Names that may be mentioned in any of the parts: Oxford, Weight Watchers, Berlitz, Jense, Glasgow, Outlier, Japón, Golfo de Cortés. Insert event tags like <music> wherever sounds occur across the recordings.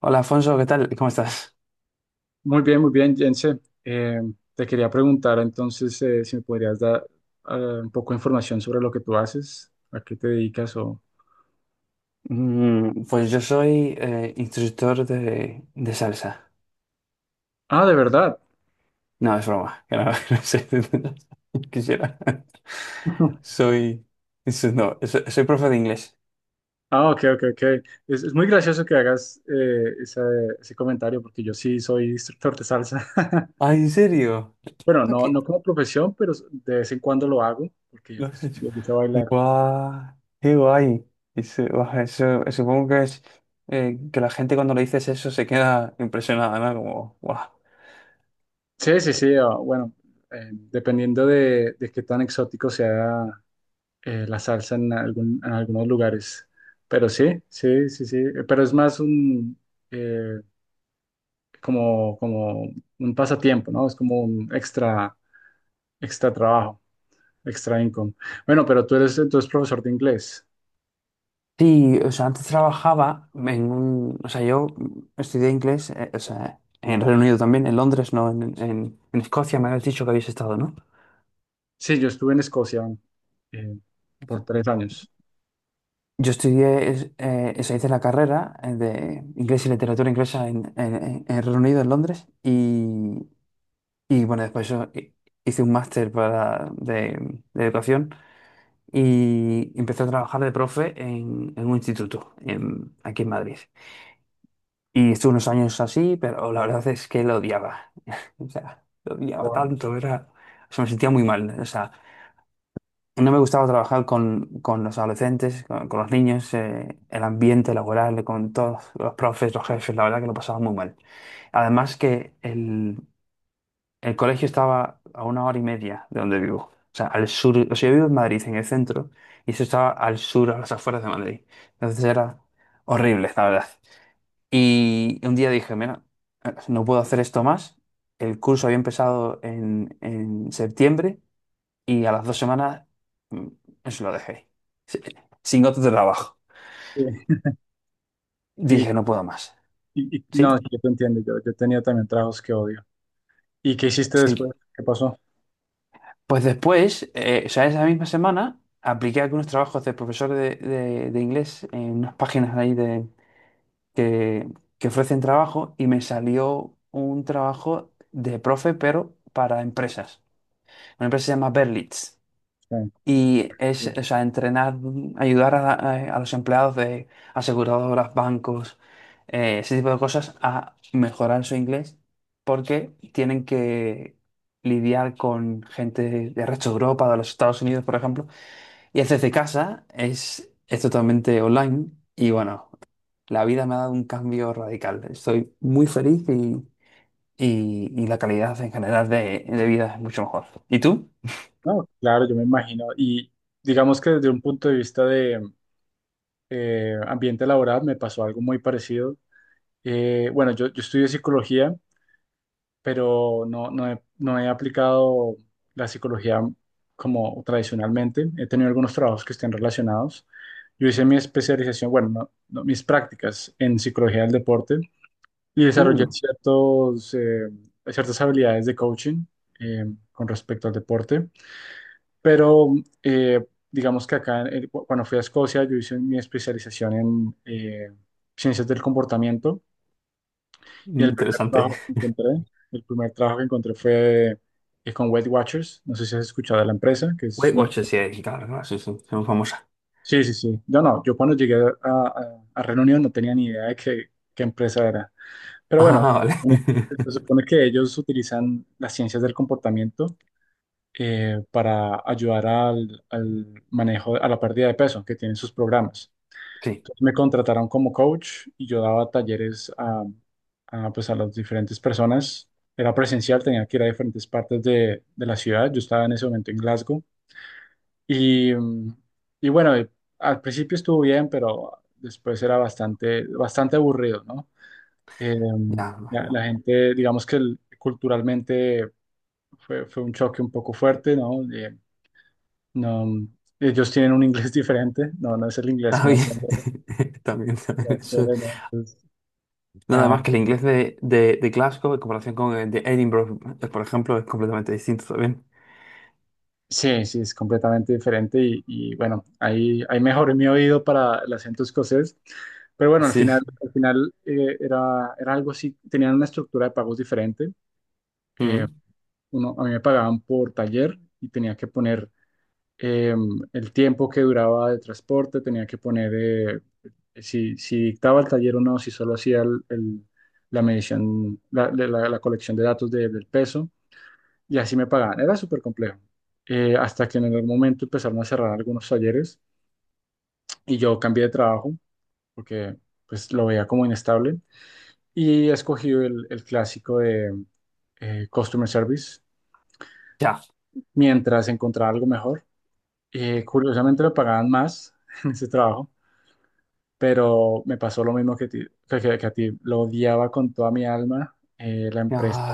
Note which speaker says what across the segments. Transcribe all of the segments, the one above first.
Speaker 1: Hola Alfonso, ¿qué tal? ¿Cómo estás?
Speaker 2: Muy bien, Jense. Eh, Te quería preguntar entonces si me podrías dar eh, un poco de información sobre lo que tú haces, ¿a qué te dedicas o...?
Speaker 1: Pues yo soy instructor de salsa.
Speaker 2: Ah, ¿de verdad?
Speaker 1: No, es broma, que no, <laughs> no sé, <laughs> quisiera.
Speaker 2: <laughs>
Speaker 1: Soy, eso no, so- Soy profe de inglés.
Speaker 2: Ah, ok, ok, ok. Es muy gracioso que hagas ese comentario porque yo sí soy instructor de salsa. <laughs>
Speaker 1: Ah, ¿en serio?
Speaker 2: Bueno,
Speaker 1: Ah,
Speaker 2: no,
Speaker 1: ¿qué?
Speaker 2: no como profesión, pero de vez en cuando lo hago porque
Speaker 1: ¿Lo has
Speaker 2: pues,
Speaker 1: hecho?
Speaker 2: me gusta bailar.
Speaker 1: ¡Guau! ¡Qué guay! Supongo que es que la gente cuando le dices eso se queda impresionada, ¿no? Como, ¡guau!
Speaker 2: Sí, sí, sí. Bueno, dependiendo de qué tan exótico sea la salsa en, en algunos lugares. Pero sí, sí, sí, sí. Pero es más un eh, como, como un pasatiempo, ¿no? Es como un extra, extra trabajo, extra income. Bueno, pero tú eres entonces profesor de inglés.
Speaker 1: Sí, o sea, antes trabajaba en un... O sea, yo estudié inglés, o sea, en Reino Unido también, en Londres, ¿no? En Escocia me habías dicho que habéis estado, ¿no?
Speaker 2: Sí, yo estuve en Escocia eh, por 3 años.
Speaker 1: O sea, hice la carrera de inglés y literatura inglesa en Reino Unido, en Londres, y bueno, después hice un máster de educación y empecé a trabajar de profe en un instituto aquí en Madrid. Y estuve unos años así, pero la verdad es que lo odiaba. <laughs> O sea, lo odiaba
Speaker 2: Wow.
Speaker 1: tanto, era... O sea, me sentía muy mal. O sea, no me gustaba trabajar con los adolescentes, con los niños, el ambiente laboral, con todos los profes, los jefes, la verdad que lo pasaba muy mal. Además que el, el colegio estaba a una hora y media de donde vivo. O sea, al sur, o sea, yo vivo en Madrid, en el centro, y eso estaba al sur, a las afueras de Madrid. Entonces era horrible, la verdad. Y un día dije, mira, no puedo hacer esto más. El curso había empezado en septiembre y a las dos semanas mm, eso lo dejé. Sí, sin otro trabajo.
Speaker 2: Sí. Y,
Speaker 1: Dije, no puedo más.
Speaker 2: no,
Speaker 1: ¿Sí?
Speaker 2: sí, yo te entiendo, yo tenía también trabajos que odio. ¿Y qué hiciste
Speaker 1: Sí.
Speaker 2: después? ¿Qué pasó?
Speaker 1: Pues después, o sea, esa misma semana, apliqué algunos trabajos de profesor de inglés en unas páginas ahí de, que, que ofrecen trabajo y me salió un trabajo de profe, pero para empresas. Una empresa se llama Berlitz.
Speaker 2: Sí,
Speaker 1: Y es,
Speaker 2: sí.
Speaker 1: o sea, entrenar, ayudar a, a los empleados de aseguradoras, bancos, ese tipo de cosas a mejorar su inglés porque tienen que lidiar con gente de resto de Europa, de los Estados Unidos, por ejemplo. Y es desde casa, es totalmente online y bueno, la vida me ha dado un cambio radical. Estoy muy feliz y la calidad en general de vida es mucho mejor. ¿Y tú?
Speaker 2: No, claro, yo me imagino. Y digamos que desde un punto de vista de ambiente laboral me pasó algo muy parecido. Bueno, yo estudio psicología, pero no he aplicado la psicología como tradicionalmente. He tenido algunos trabajos que estén relacionados. Yo hice mi especialización, bueno, no- no, mis prácticas en psicología del deporte y desarrollé
Speaker 1: Mm,
Speaker 2: ciertas habilidades de coaching eh, con respecto al deporte. Pero eh, digamos que acá, cuando fui a Escocia, yo hice mi especialización en ciencias del comportamiento y
Speaker 1: Interesante.
Speaker 2: el primer trabajo que encontré fue con Weight Watchers. No sé si has escuchado de la empresa, que es
Speaker 1: Weight
Speaker 2: una...
Speaker 1: Watchers, sí, sí, claro, claro, sí, sí, son famosa.
Speaker 2: Sí, sí, sí. No, no, yo cuando llegué a Reino Unido no tenía ni idea de qué, qué empresa era. Pero
Speaker 1: Ah,
Speaker 2: bueno,
Speaker 1: vale.
Speaker 2: se
Speaker 1: <laughs>
Speaker 2: supone que ellos utilizan las ciencias del comportamiento para ayudar al, al manejo, a la pérdida de peso que tienen sus programas.
Speaker 1: Sí,
Speaker 2: Entonces me contrataron como coach y yo daba talleres pues a las diferentes personas. Era presencial, tenía que ir a diferentes partes de la ciudad. Yo estaba en ese momento en Glasgow. Y, mm, y bueno, al principio estuvo bien, pero después era bastante, bastante aburrido, ¿no? Eh, mm,
Speaker 1: ya me
Speaker 2: la, la
Speaker 1: imagino.
Speaker 2: gente, digamos que culturalmente fue, fue un choque un poco fuerte, ¿no? No, ellos tienen un inglés <laughs> diferente. No, no es el inglés
Speaker 1: Está
Speaker 2: que uno
Speaker 1: bien,
Speaker 2: aprende
Speaker 1: <laughs> también
Speaker 2: en la
Speaker 1: bien, eso.
Speaker 2: escuela, ¿no? Entonces,
Speaker 1: Nada
Speaker 2: ah,
Speaker 1: más que el inglés de Glasgow en comparación con el de Edinburgh, por ejemplo, es completamente distinto también.
Speaker 2: sí, sí, es completamente diferente. Y bueno, ahí, ahí mejoré mi oído para el acento escocés. Pero bueno,
Speaker 1: Sí.
Speaker 2: al final era, era algo así. Tenían una estructura de pagos diferente. Eh,
Speaker 1: Mm.
Speaker 2: Uno, a mí me pagaban por taller y tenía que poner eh, el tiempo que duraba de transporte, tenía que poner si, si dictaba el taller o no, si solo hacía la medición, colección de datos del peso, y así me pagaban. Era súper complejo. Hasta que en algún momento empezaron a cerrar algunos talleres y yo cambié de trabajo porque pues lo veía como inestable y escogí el clásico de Customer Service
Speaker 1: Ya.
Speaker 2: mientras encontraba algo mejor. Curiosamente me pagaban más <laughs> en ese trabajo pero me pasó lo mismo que a ti. Lo odiaba con toda mi alma. La empresa
Speaker 1: Ya.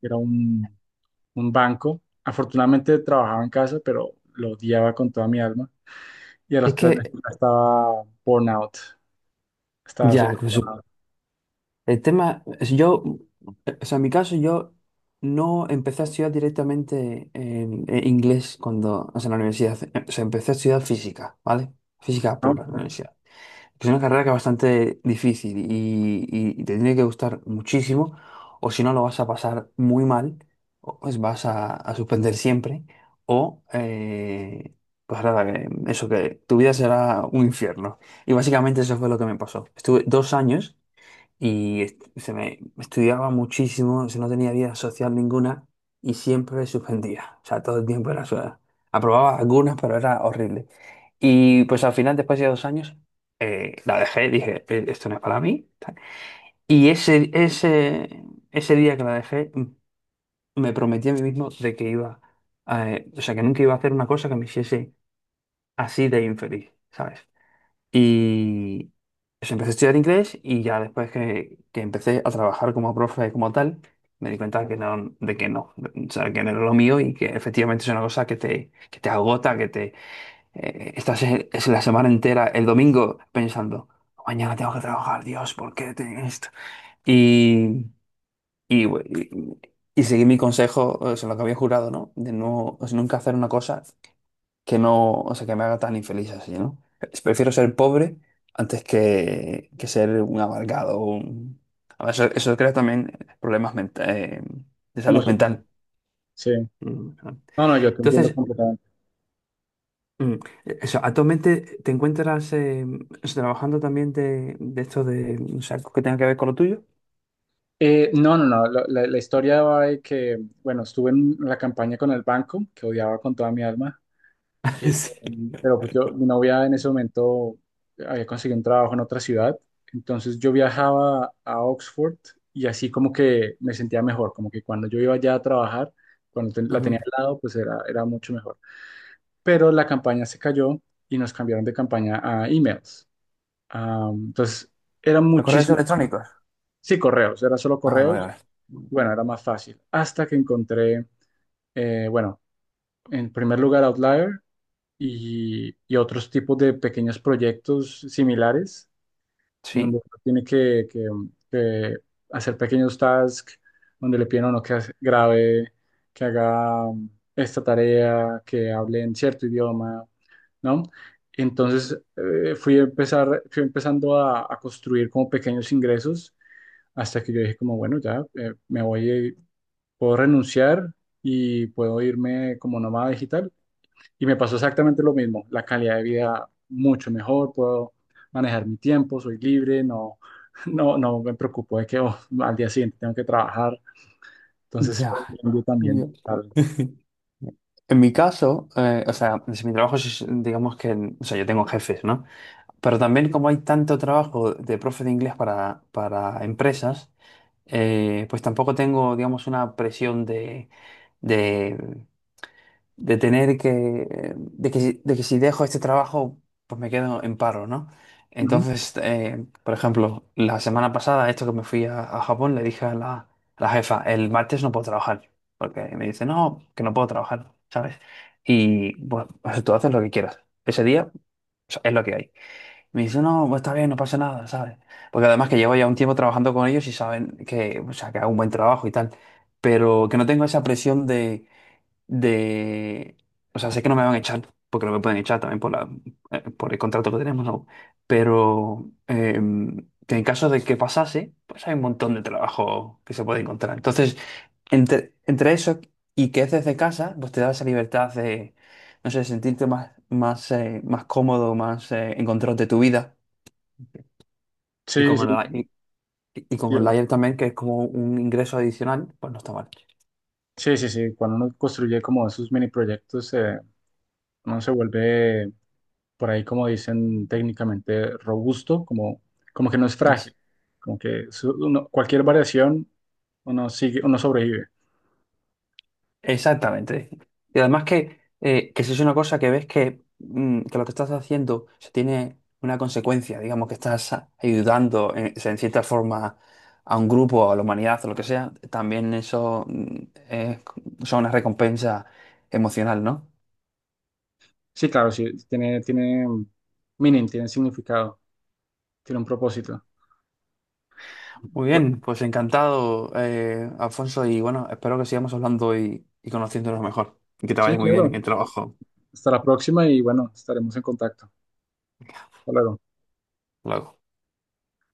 Speaker 2: era un banco. Afortunadamente trabajaba en casa, pero lo odiaba con toda mi alma. Y a los
Speaker 1: Es
Speaker 2: 3 meses
Speaker 1: que,
Speaker 2: ya estaba born out. Estaba
Speaker 1: ya,
Speaker 2: súper
Speaker 1: incluso, el tema, es yo, O sea, en mi caso, yo no empecé a estudiar directamente en inglés cuando, o sea, en la universidad, o sea, empecé a estudiar física, ¿vale? Física pura,
Speaker 2: burnout,
Speaker 1: en la
Speaker 2: ¿no?
Speaker 1: universidad. Es una carrera que es bastante difícil y te tiene que gustar muchísimo, o si no lo vas a pasar muy mal, o pues vas a suspender siempre, o pues nada, eso que tu vida será un infierno. Y básicamente eso fue lo que me pasó. Estuve dos años y se me estudiaba muchísimo, se no tenía vida social ninguna y siempre suspendía. O sea, todo el tiempo era su... Aprobaba algunas, pero era horrible. Y pues al final, después de dos años, la dejé, dije, esto no es para mí." Tal. Y ese, ese, Ese día que la dejé, me prometí a mí mismo de que iba, a, o sea, que nunca iba a hacer una cosa que me hiciese así de infeliz, ¿sabes? Y pues, empecé a estudiar inglés y ya después que empecé a trabajar como profe como tal, me di cuenta que no, de que no, o sea, que no era lo mío y que efectivamente es una cosa que te agota, que te estás es la semana entera, el domingo, pensando, mañana tengo que trabajar, Dios, ¿por qué tengo esto? Y, y, y seguí mi consejo, o sea, lo que había jurado, ¿no? De no, o sea, nunca hacer una cosa que no, o sea, que me haga tan infeliz así, ¿no? Prefiero ser pobre antes que ser un amargado. A ver, eso crea también problemas menta- eh, de salud
Speaker 2: Emocional.
Speaker 1: mental.
Speaker 2: Sí.
Speaker 1: Mm, ah.
Speaker 2: No, no, yo te entiendo
Speaker 1: Entonces,
Speaker 2: completamente.
Speaker 1: mm, eso, actualmente te encuentras eso, trabajando también de esto de, o sea, ¿que tenga que ver con lo tuyo?
Speaker 2: No, no, no. La historia va de que, bueno, estuve en la campaña con el banco, que odiaba con toda mi alma.
Speaker 1: <laughs>
Speaker 2: Eh,
Speaker 1: Sí.
Speaker 2: pero pues yo, mi novia en ese momento había conseguido un trabajo en otra ciudad, entonces yo viajaba a Oxford y así como que me sentía mejor, como que cuando yo iba allá a trabajar, cuando la
Speaker 1: Ujú.
Speaker 2: tenía al lado, pues era, era mucho mejor. Pero la campaña se cayó y nos cambiaron de campaña a emails. Ah, entonces eran
Speaker 1: ¿Los correos
Speaker 2: muchísimos,
Speaker 1: electrónicos?
Speaker 2: sí, correos, era solo
Speaker 1: Ah, vale,
Speaker 2: correos,
Speaker 1: vale.
Speaker 2: bueno, era más fácil, hasta que encontré, bueno, en primer lugar Outlier. Y, y otros tipos de pequeños proyectos similares, en donde
Speaker 1: Sí,
Speaker 2: uno tiene que hacer pequeños tasks, donde le piden a uno que grabe, que haga esta tarea, que hable en cierto idioma, ¿no? Entonces fui empezando a construir como pequeños ingresos hasta que yo dije como, bueno, ya me voy, puedo renunciar y puedo irme como nómada digital y me pasó exactamente lo mismo, la calidad de vida mucho mejor, puedo manejar mi tiempo, soy libre, no me preocupo de que oh, al día siguiente tengo que trabajar. Entonces
Speaker 1: ya.
Speaker 2: fue un cambio también
Speaker 1: Ya.
Speaker 2: total.
Speaker 1: <laughs> En mi caso, o sea, si mi trabajo es, digamos que, o sea, yo tengo jefes, ¿no? Pero también como hay tanto trabajo de profe de inglés para empresas, pues tampoco tengo, digamos, una presión de de tener que, de que, de que si dejo este trabajo, pues me quedo en paro, ¿no?
Speaker 2: Ujú.
Speaker 1: Entonces, por ejemplo, la semana pasada, esto que me fui a Japón, le dije a la jefa, el martes no puedo trabajar, porque me dice, no, que no puedo trabajar, ¿sabes? Y bueno, pues tú haces lo que quieras. Ese día o sea, es lo que hay. Me dice, no, pues está bien, no pasa nada, ¿sabes? Porque además que llevo ya un tiempo trabajando con ellos y saben que, o sea, que hago un buen trabajo y tal, pero que no tengo esa presión de... O sea, sé que no me van a echar, porque no me pueden echar también por la, por el contrato que tenemos, ¿no? Pero que en caso de que pasase, pues hay un montón de trabajo que se puede encontrar. Entonces, entre eso y que es desde casa, pues te da esa libertad de, no sé, sentirte más, más cómodo, más en control de tu vida. Y
Speaker 2: Sí, sí,
Speaker 1: con el, y, y
Speaker 2: sí,
Speaker 1: con el layer también, que es como un ingreso adicional, pues no está mal.
Speaker 2: sí, sí, sí. Cuando uno construye como esos mini proyectos, uno se vuelve, por ahí como dicen técnicamente, robusto, como, como que no es frágil, como que cualquier variación uno sigue, uno sobrevive.
Speaker 1: Exactamente. Y además que si es una cosa que ves que, que lo que estás haciendo se tiene una consecuencia, digamos que estás ayudando en cierta forma a un grupo, a la humanidad, o lo que sea, también eso es, son una recompensa emocional, ¿no?
Speaker 2: Sí, claro, sí, tiene, tiene meaning, tiene significado, tiene un propósito.
Speaker 1: Muy
Speaker 2: Bueno,
Speaker 1: bien, pues encantado, Alfonso, y bueno, espero que sigamos hablando y conociéndonos mejor. Y que te
Speaker 2: sí,
Speaker 1: vayas muy bien
Speaker 2: claro,
Speaker 1: en el trabajo.
Speaker 2: hasta la próxima y bueno, estaremos en contacto. Hasta luego.
Speaker 1: Luego.